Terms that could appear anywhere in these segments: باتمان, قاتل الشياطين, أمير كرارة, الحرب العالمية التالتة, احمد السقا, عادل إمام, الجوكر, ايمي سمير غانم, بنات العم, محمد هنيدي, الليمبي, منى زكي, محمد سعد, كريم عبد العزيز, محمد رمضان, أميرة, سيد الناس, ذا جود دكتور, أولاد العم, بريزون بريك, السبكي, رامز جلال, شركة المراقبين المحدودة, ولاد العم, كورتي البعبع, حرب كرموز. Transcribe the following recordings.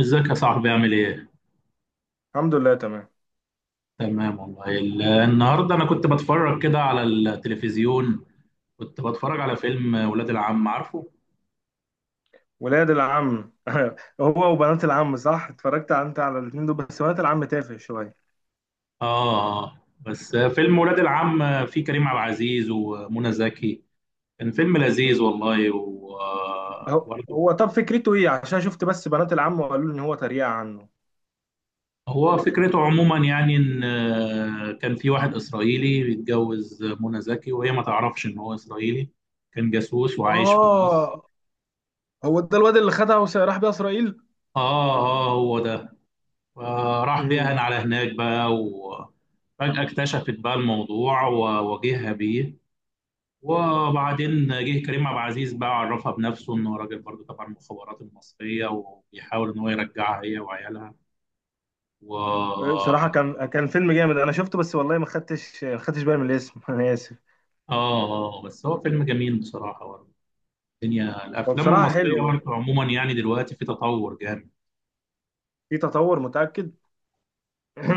ازيك يا صاحبي، عامل ايه؟ الحمد لله تمام. تمام والله. النهارده انا كنت بتفرج كده على التلفزيون. كنت بتفرج على فيلم ولاد العم، عارفه؟ ولاد العم هو وبنات العم، صح؟ اتفرجت انت على الاثنين دول، بس بنات العم تافه شويه. اه، آه. بس فيلم ولاد العم فيه كريم عبد العزيز ومنى زكي. كان فيلم مم. لذيذ والله، و هو برضه. هو طب فكرته ايه؟ عشان شفت بس بنات العم وقالوا لي ان هو تريقه عنه. هو فكرته عموما يعني ان كان في واحد اسرائيلي بيتجوز منى زكي وهي ما تعرفش ان هو اسرائيلي، كان جاسوس وعايش في مصر. اه، هو ده الواد اللي خدها وراح بيها اسرائيل. اه اه، هو ده. فراح مم. بيها على هناك بقى، وفجأة اكتشفت بقى الموضوع وواجهها بيه. وبعدين جه كريم عبد العزيز بقى، عرفها بنفسه انه راجل برضه تبع المخابرات المصرية وبيحاول ان هو يرجعها هي وعيالها. و اه صراحه كان فيلم جامد، انا شفته بس والله ما خدتش بالي من الاسم. انا اسف. آه، آه، بس هو فيلم جميل بصراحة برضه. الدنيا هو الافلام بصراحه المصرية حلو، برضه عموما يعني دلوقتي في تطور جامد. في تطور، متاكد.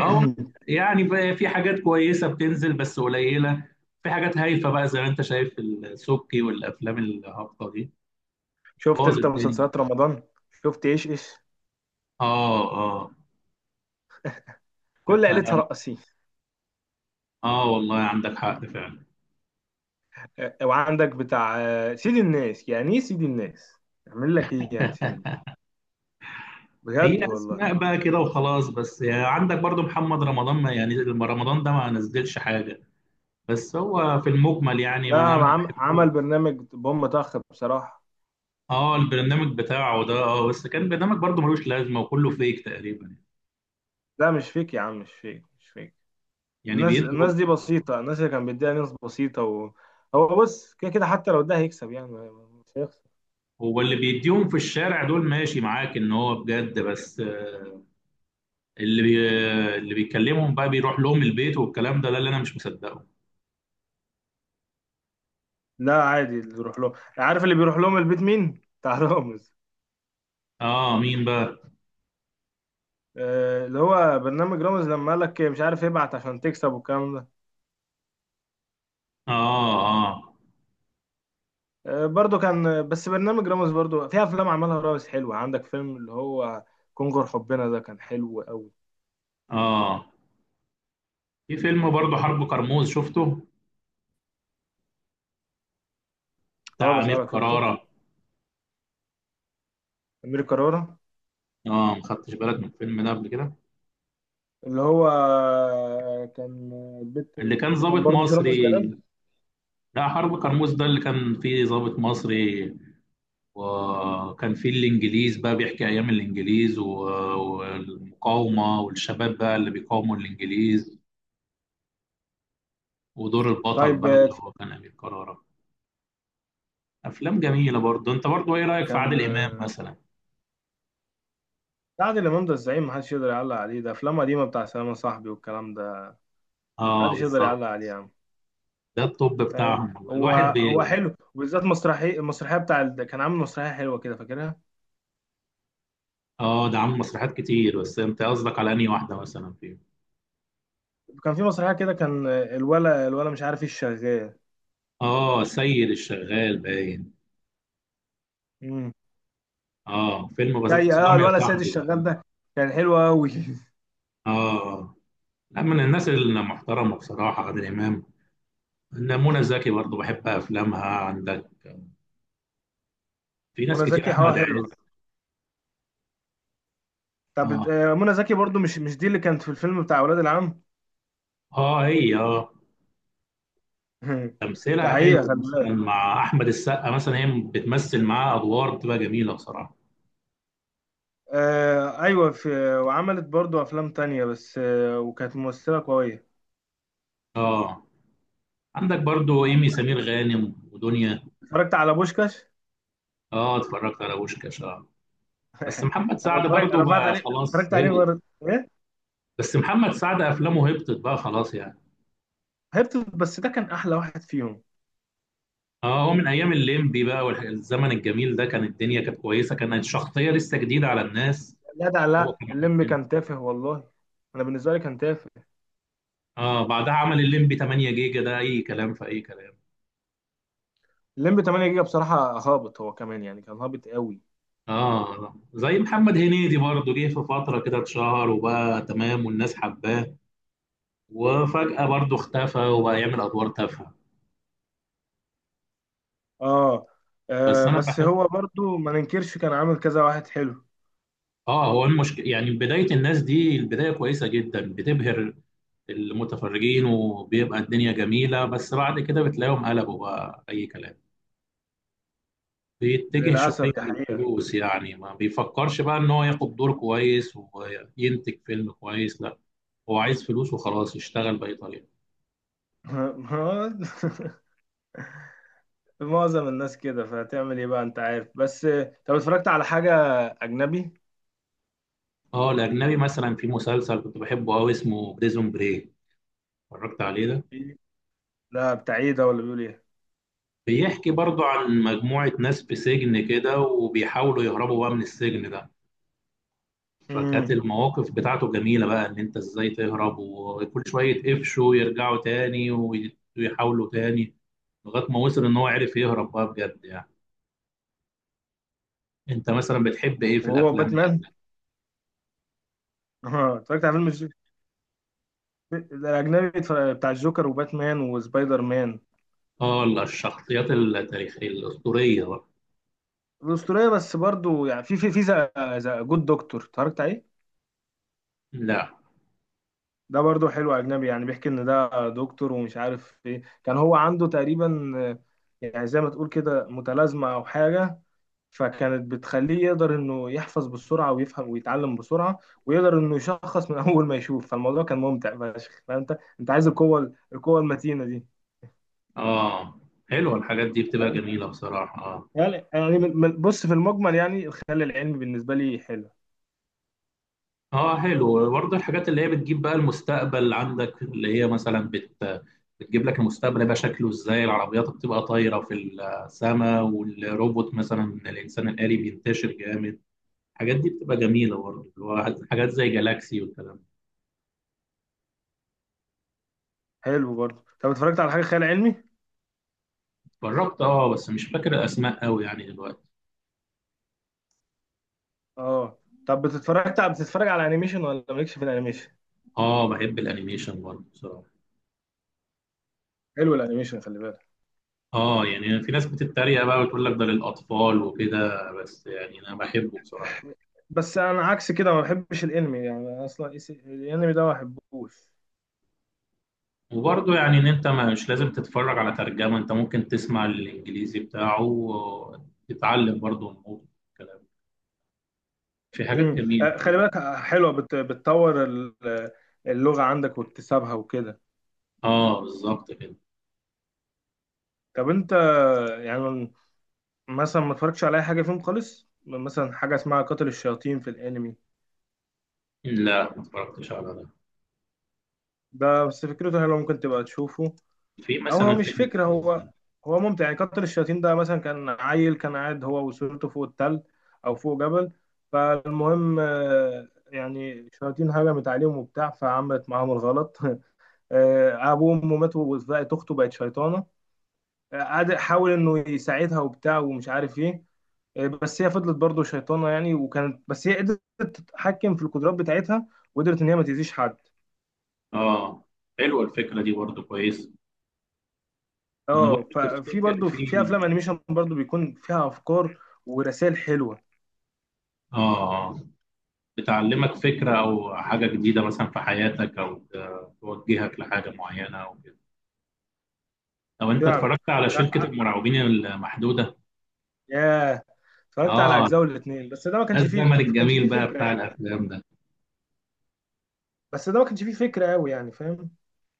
اه، يعني بقى في حاجات كويسة بتنزل بس قليلة. في حاجات هايفة بقى، زي ما انت شايف، السبكي والافلام الهابطة دي شفت بوظ انت الدنيا. مسلسلات رمضان؟ شفت ايش ايش؟ اه اه. كل أنت عيلتها عندك- رقصين. اه والله، عندك حق فعلا. وعندك بتاع سيد الناس، يعني ايه سيد الناس؟ اعمل لك ايه يعني سيد الناس؟ بجد هي والله. اسماء بقى كده وخلاص، بس يعني عندك برضو محمد رمضان، ما يعني رمضان ده ما نزلش حاجه. بس هو في المجمل يعني لا ما انا ما عم، عمل بحبوش. برنامج بوم طخ بصراحة. اه، البرنامج بتاعه ده، بس كان برنامج برضو ملوش لازمه، وكله فيك تقريبا. لا مش فيك يا عم، مش فيك مش فيك. يعني الناس بيدوا. الناس دي بسيطة، الناس اللي كان بيديها ناس بسيطة و... هو بص، كده كده حتى لو ده هيكسب يعني، مش هيخسر. هو اللي بيديهم في الشارع دول ماشي معاك ان هو بجد، بس اللي بي... اللي بيكلمهم بقى بيروح لهم البيت والكلام ده اللي انا مش مصدقه. لا عادي اللي يروح لهم. عارف اللي بيروح لهم البيت مين؟ بتاع رامز. اه، مين بقى؟ اللي هو برنامج رامز، لما قال لك مش عارف ابعت عشان تكسب والكلام ده. اه اه برضو كان، بس برنامج رامز برضو في افلام عملها رامز حلوه، عندك فيلم اللي هو كونغر حبنا، ده كان حلو قوي. اه. في فيلم برضه، حرب كرموز، شفته؟ اه بتاع بس أمير عارف شفته، كرارة. امير كرارة. اه، ما خدتش بالك من الفيلم ده قبل كده؟ اللي هو كان البيت، اللي كان لما كان ضابط برضو في رامز مصري. جلال. لا، حرب كرموز ده اللي كان فيه ضابط مصري، وكان فيه الإنجليز بقى، بيحكي أيام الإنجليز والمقاومة والشباب بقى اللي بيقاوموا الإنجليز، ودور البطل طيب بقى آه، اللي هو كان أمير كرارة. أفلام جميلة برضه. أنت برضه إيه رأيك في كان عادل إمام آه، مثلا؟ عادل امام ده الزعيم، محدش يقدر يعلق عليه، ده افلام قديمه بتاع سلام صاحبي والكلام ده. اه، محدش يقدر بالظبط. يعلق عليه يا عم. ده الطب فاهم. بتاعهم والله الواحد. هو حلو، وبالذات المسرحيه كان عامل مسرحيه حلوه كده، فاكرها. اه، ده عامل مسرحيات كتير، بس انت قصدك على انهي واحده مثلا فيهم؟ كان في مسرحيه كده، كان الولا مش عارف ايه الشغال. اه، السيد الشغال باين. اه، فيلم بسيط زي سلام يا الولد سيد صاحبي الشغال باين. ده، كان حلو قوي. اه، لا، من الناس المحترمه بصراحه عادل امام. إن منى زكي برضه بحب افلامها، عندك في ناس منى كتير، زكي احمد حلو. عز. طب اه منى زكي برضو، مش دي اللي كانت في الفيلم بتاع اولاد العم؟ اه، هي ده تمثيلها حقيقة، حلو خلي مثلا بالك. مع احمد السقا. مثلا هي بتمثل معاه ادوار بتبقى جميله بصراحه. آه ايوه، في. وعملت برضو افلام تانية، بس وكانت ممثلة قوية. اه، عندك برضو طب ايمي سمير غانم ودنيا. اتفرجت على بوشكاش؟ اه، اتفرجت على بوشكاش. بس محمد سعد برضه انا بعت بقى عليه، خلاص اتفرجت عليه هبط. مرة. ايه، بس محمد سعد افلامه هبطت بقى خلاص يعني. هرت، بس ده كان احلى واحد فيهم. اه، هو من ايام الليمبي بقى والزمن الجميل ده، كان الدنيا كانت كويسه، كانت شخصيه لسه جديده على الناس. لا ده هو لا، كان اللمبي حبنا. كان تافه والله، انا بالنسبة لي كان تافه. اه، بعدها عمل الليمبي 8 جيجا، ده اي كلام في اي كلام. اللمبي 8 جيجا بصراحة هابط، هو كمان يعني كان هابط قوي. اه، زي محمد هنيدي برضه، جه في فتره كده اتشهر وبقى تمام والناس حباه، وفجاه برضه اختفى وبقى يعمل ادوار تافهه. اه، بس انا بس بحب. هو برضو ما ننكرش كان عامل كذا واحد حلو. اه، هو المشكله يعني بدايه الناس دي، البدايه كويسه جدا، بتبهر المتفرجين وبيبقى الدنيا جميلة، بس بعد كده بتلاقيهم قلبوا بقى أي كلام. بيتجه للأسف شوية ده حقيقة. للفلوس، يعني ما بيفكرش بقى إن هو ياخد دور كويس وينتج فيلم كويس، لا، هو عايز فلوس وخلاص، يشتغل بأي طريقة. ما- معظم الناس كده، فهتعمل ايه بقى؟ انت عارف بس. طب اتفرجت على حاجة أجنبي؟ اه، الأجنبي مثلا في مسلسل كنت بحبه أوي، اسمه بريزون بريك، اتفرجت عليه ده؟ إيه؟ لا، بتاع ايه ده؟ ولا بيقول ايه؟ بيحكي برضه عن مجموعة ناس في سجن كده، وبيحاولوا يهربوا بقى من السجن ده. فكانت امم. المواقف بتاعته جميلة بقى، ان انت ازاي تهرب، وكل شوية يتقفشوا يرجعوا تاني ويحاولوا تاني، لغاية ما وصل ان هو عرف يهرب بقى بجد يعني. انت مثلا بتحب ايه في وهو الافلام باتمان؟ الاجنبية؟ اه، اتفرجت على فيلم الأجنبي، بتاع الجوكر وباتمان وسبايدر مان. اه لا، الشخصيات التاريخية الاسطورية بقى. الأسطورية، بس برضو يعني في ذا جود دكتور، اتفرجت عليه؟ لا. ده برضه حلو، أجنبي يعني. بيحكي إن ده دكتور ومش عارف إيه كان هو عنده تقريبا. يعني زي ما تقول كده متلازمة أو حاجة، فكانت بتخليه يقدر إنه يحفظ بسرعة ويفهم ويتعلم بسرعة، ويقدر إنه يشخص من أول ما يشوف. فالموضوع كان ممتع فشخ. فأنت عايز القوة المتينة دي. اه، حلوة الحاجات دي، بتبقى فاهم؟ جميلة بصراحة، اه. يعني بص، في المجمل يعني الخيال العلمي بالنسبة لي حلو. اه، حلو برضه الحاجات اللي هي بتجيب بقى المستقبل. عندك اللي هي مثلا بتجيب لك المستقبل يبقى شكله ازاي، العربيات بتبقى طايرة في السماء، والروبوت مثلا، الانسان الآلي، بينتشر جامد. الحاجات دي بتبقى جميلة برضه، اللي هو حاجات زي جالاكسي والكلام ده. حلو برضه. طب اتفرجت على حاجة خيال علمي؟ جربت بس مش فاكر الأسماء قوي يعني دلوقتي. آه. طب بتتفرج على أنيميشن، ولا مالكش في الأنيميشن؟ اه، بحب الأنيميشن برضه بصراحة. حلو الأنيميشن، خلي بالك. اه، يعني في ناس بتتريق بقى وتقول لك ده للأطفال وكده، بس يعني أنا بحبه بصراحة. بس انا عكس كده، ما بحبش الانمي يعني اصلا، الانمي ده ما بحبوش. وبرضه يعني ان انت مش لازم تتفرج على ترجمة، انت ممكن تسمع الانجليزي بتاعه وتتعلم برضه الموضوع الكلام. في حاجات جميلة خلي في. بالك. حلوه، بتطور اللغه عندك واكتسابها وكده. اه، بالظبط كده. طب انت، يعني، مثلا ما اتفرجتش على اي حاجه فيهم خالص، مثلا حاجه اسمها قاتل الشياطين في الانمي؟ لا، ما اتفرجتش على ده. ده بس فكرته حلوه، ممكن تبقى تشوفه. في او هو مثلا مش فيلم. فكره، هو ممتع يعني. كتر الشياطين ده مثلا، كان عيل كان قاعد هو واسرته فوق التل، او فوق جبل. فالمهم يعني الشياطين هجمت عليهم وبتاع، فعملت معاهم الغلط. ابوه وامه ماتوا، وبقت اخته بقت شيطانه. قعد حاول انه يساعدها وبتاع، ومش عارف ايه. بس هي فضلت برضه شيطانه يعني، وكانت بس هي قدرت تتحكم في القدرات بتاعتها، وقدرت ان هي ما تاذيش حد. اه، حلوة الفكرة دي برضه، كويس. انا اه، برضه ففي تفتكر برضه في. في افلام انيميشن برضه بيكون فيها افكار ورسائل حلوه، اه، بتعلمك فكرة او حاجة جديدة مثلا في حياتك، او توجهك لحاجة معينة او كده. طب انت فعلا. اتفرجت على أ- شركة أ- المراقبين المحدودة؟ ياه، اتفرجت على اه، اجزاء الاثنين، بس ده ما ده كانش فيه. الزمن كانش فيه الجميل بقى فكره بتاع يعني، الافلام ده. بس ده ما كانش فيه فكره قوي يعني، فاهم.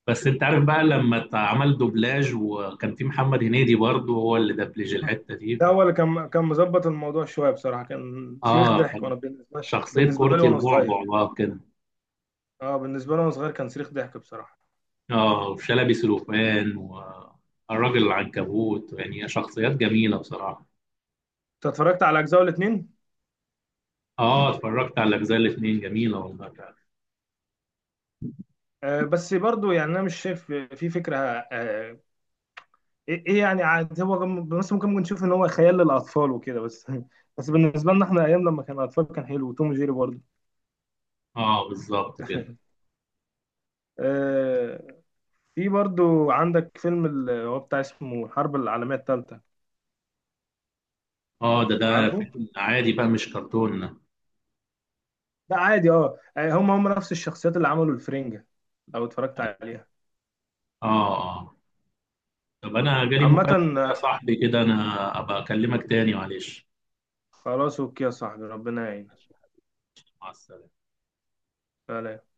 بس انت عارف بقى لما عمل دوبلاج وكان في محمد هنيدي برضه هو اللي دبلج الحته دي ده هو اللي كان مظبط الموضوع شويه بصراحه، كان صريخ اه، ضحك، كان وانا بالنسبه، شخصيه بالنسبه لي كورتي وانا صغير، البعبع بقى كده. اه بالنسبه لي وانا صغير كان صريخ ضحك بصراحه. اه، وشلبي سلوفان والراجل العنكبوت، يعني شخصيات جميله بصراحه. انت اتفرجت على اجزاء الاثنين؟ اه، اتفرجت على الاجزاء الاثنين، جميله والله فعلا. بس برضو يعني انا مش شايف في فكره. ايه إيه يعني؟ عاد هو بس ممكن نشوف ان هو خيال للاطفال وكده بس. بس بالنسبه لنا احنا ايام لما كان اطفال، كان حلو، وتوم وجيري برضو. اه، بالظبط كده. آه، في برضو عندك فيلم اللي هو بتاع اسمه الحرب العالمية التالتة، اه، ده عارفه؟ فيلم عادي بقى مش كرتون، اه. ده عادي، اه يعني هم نفس الشخصيات اللي عملوا الفرنجة لو اتفرجت عليها. اه، طب انا جالي عامة مكالمه كده يا آه، صاحبي، كده انا ابقى اكلمك تاني، معلش. خلاص اوكي يا صاحبي، ربنا يعينك. مع السلامه. سلام.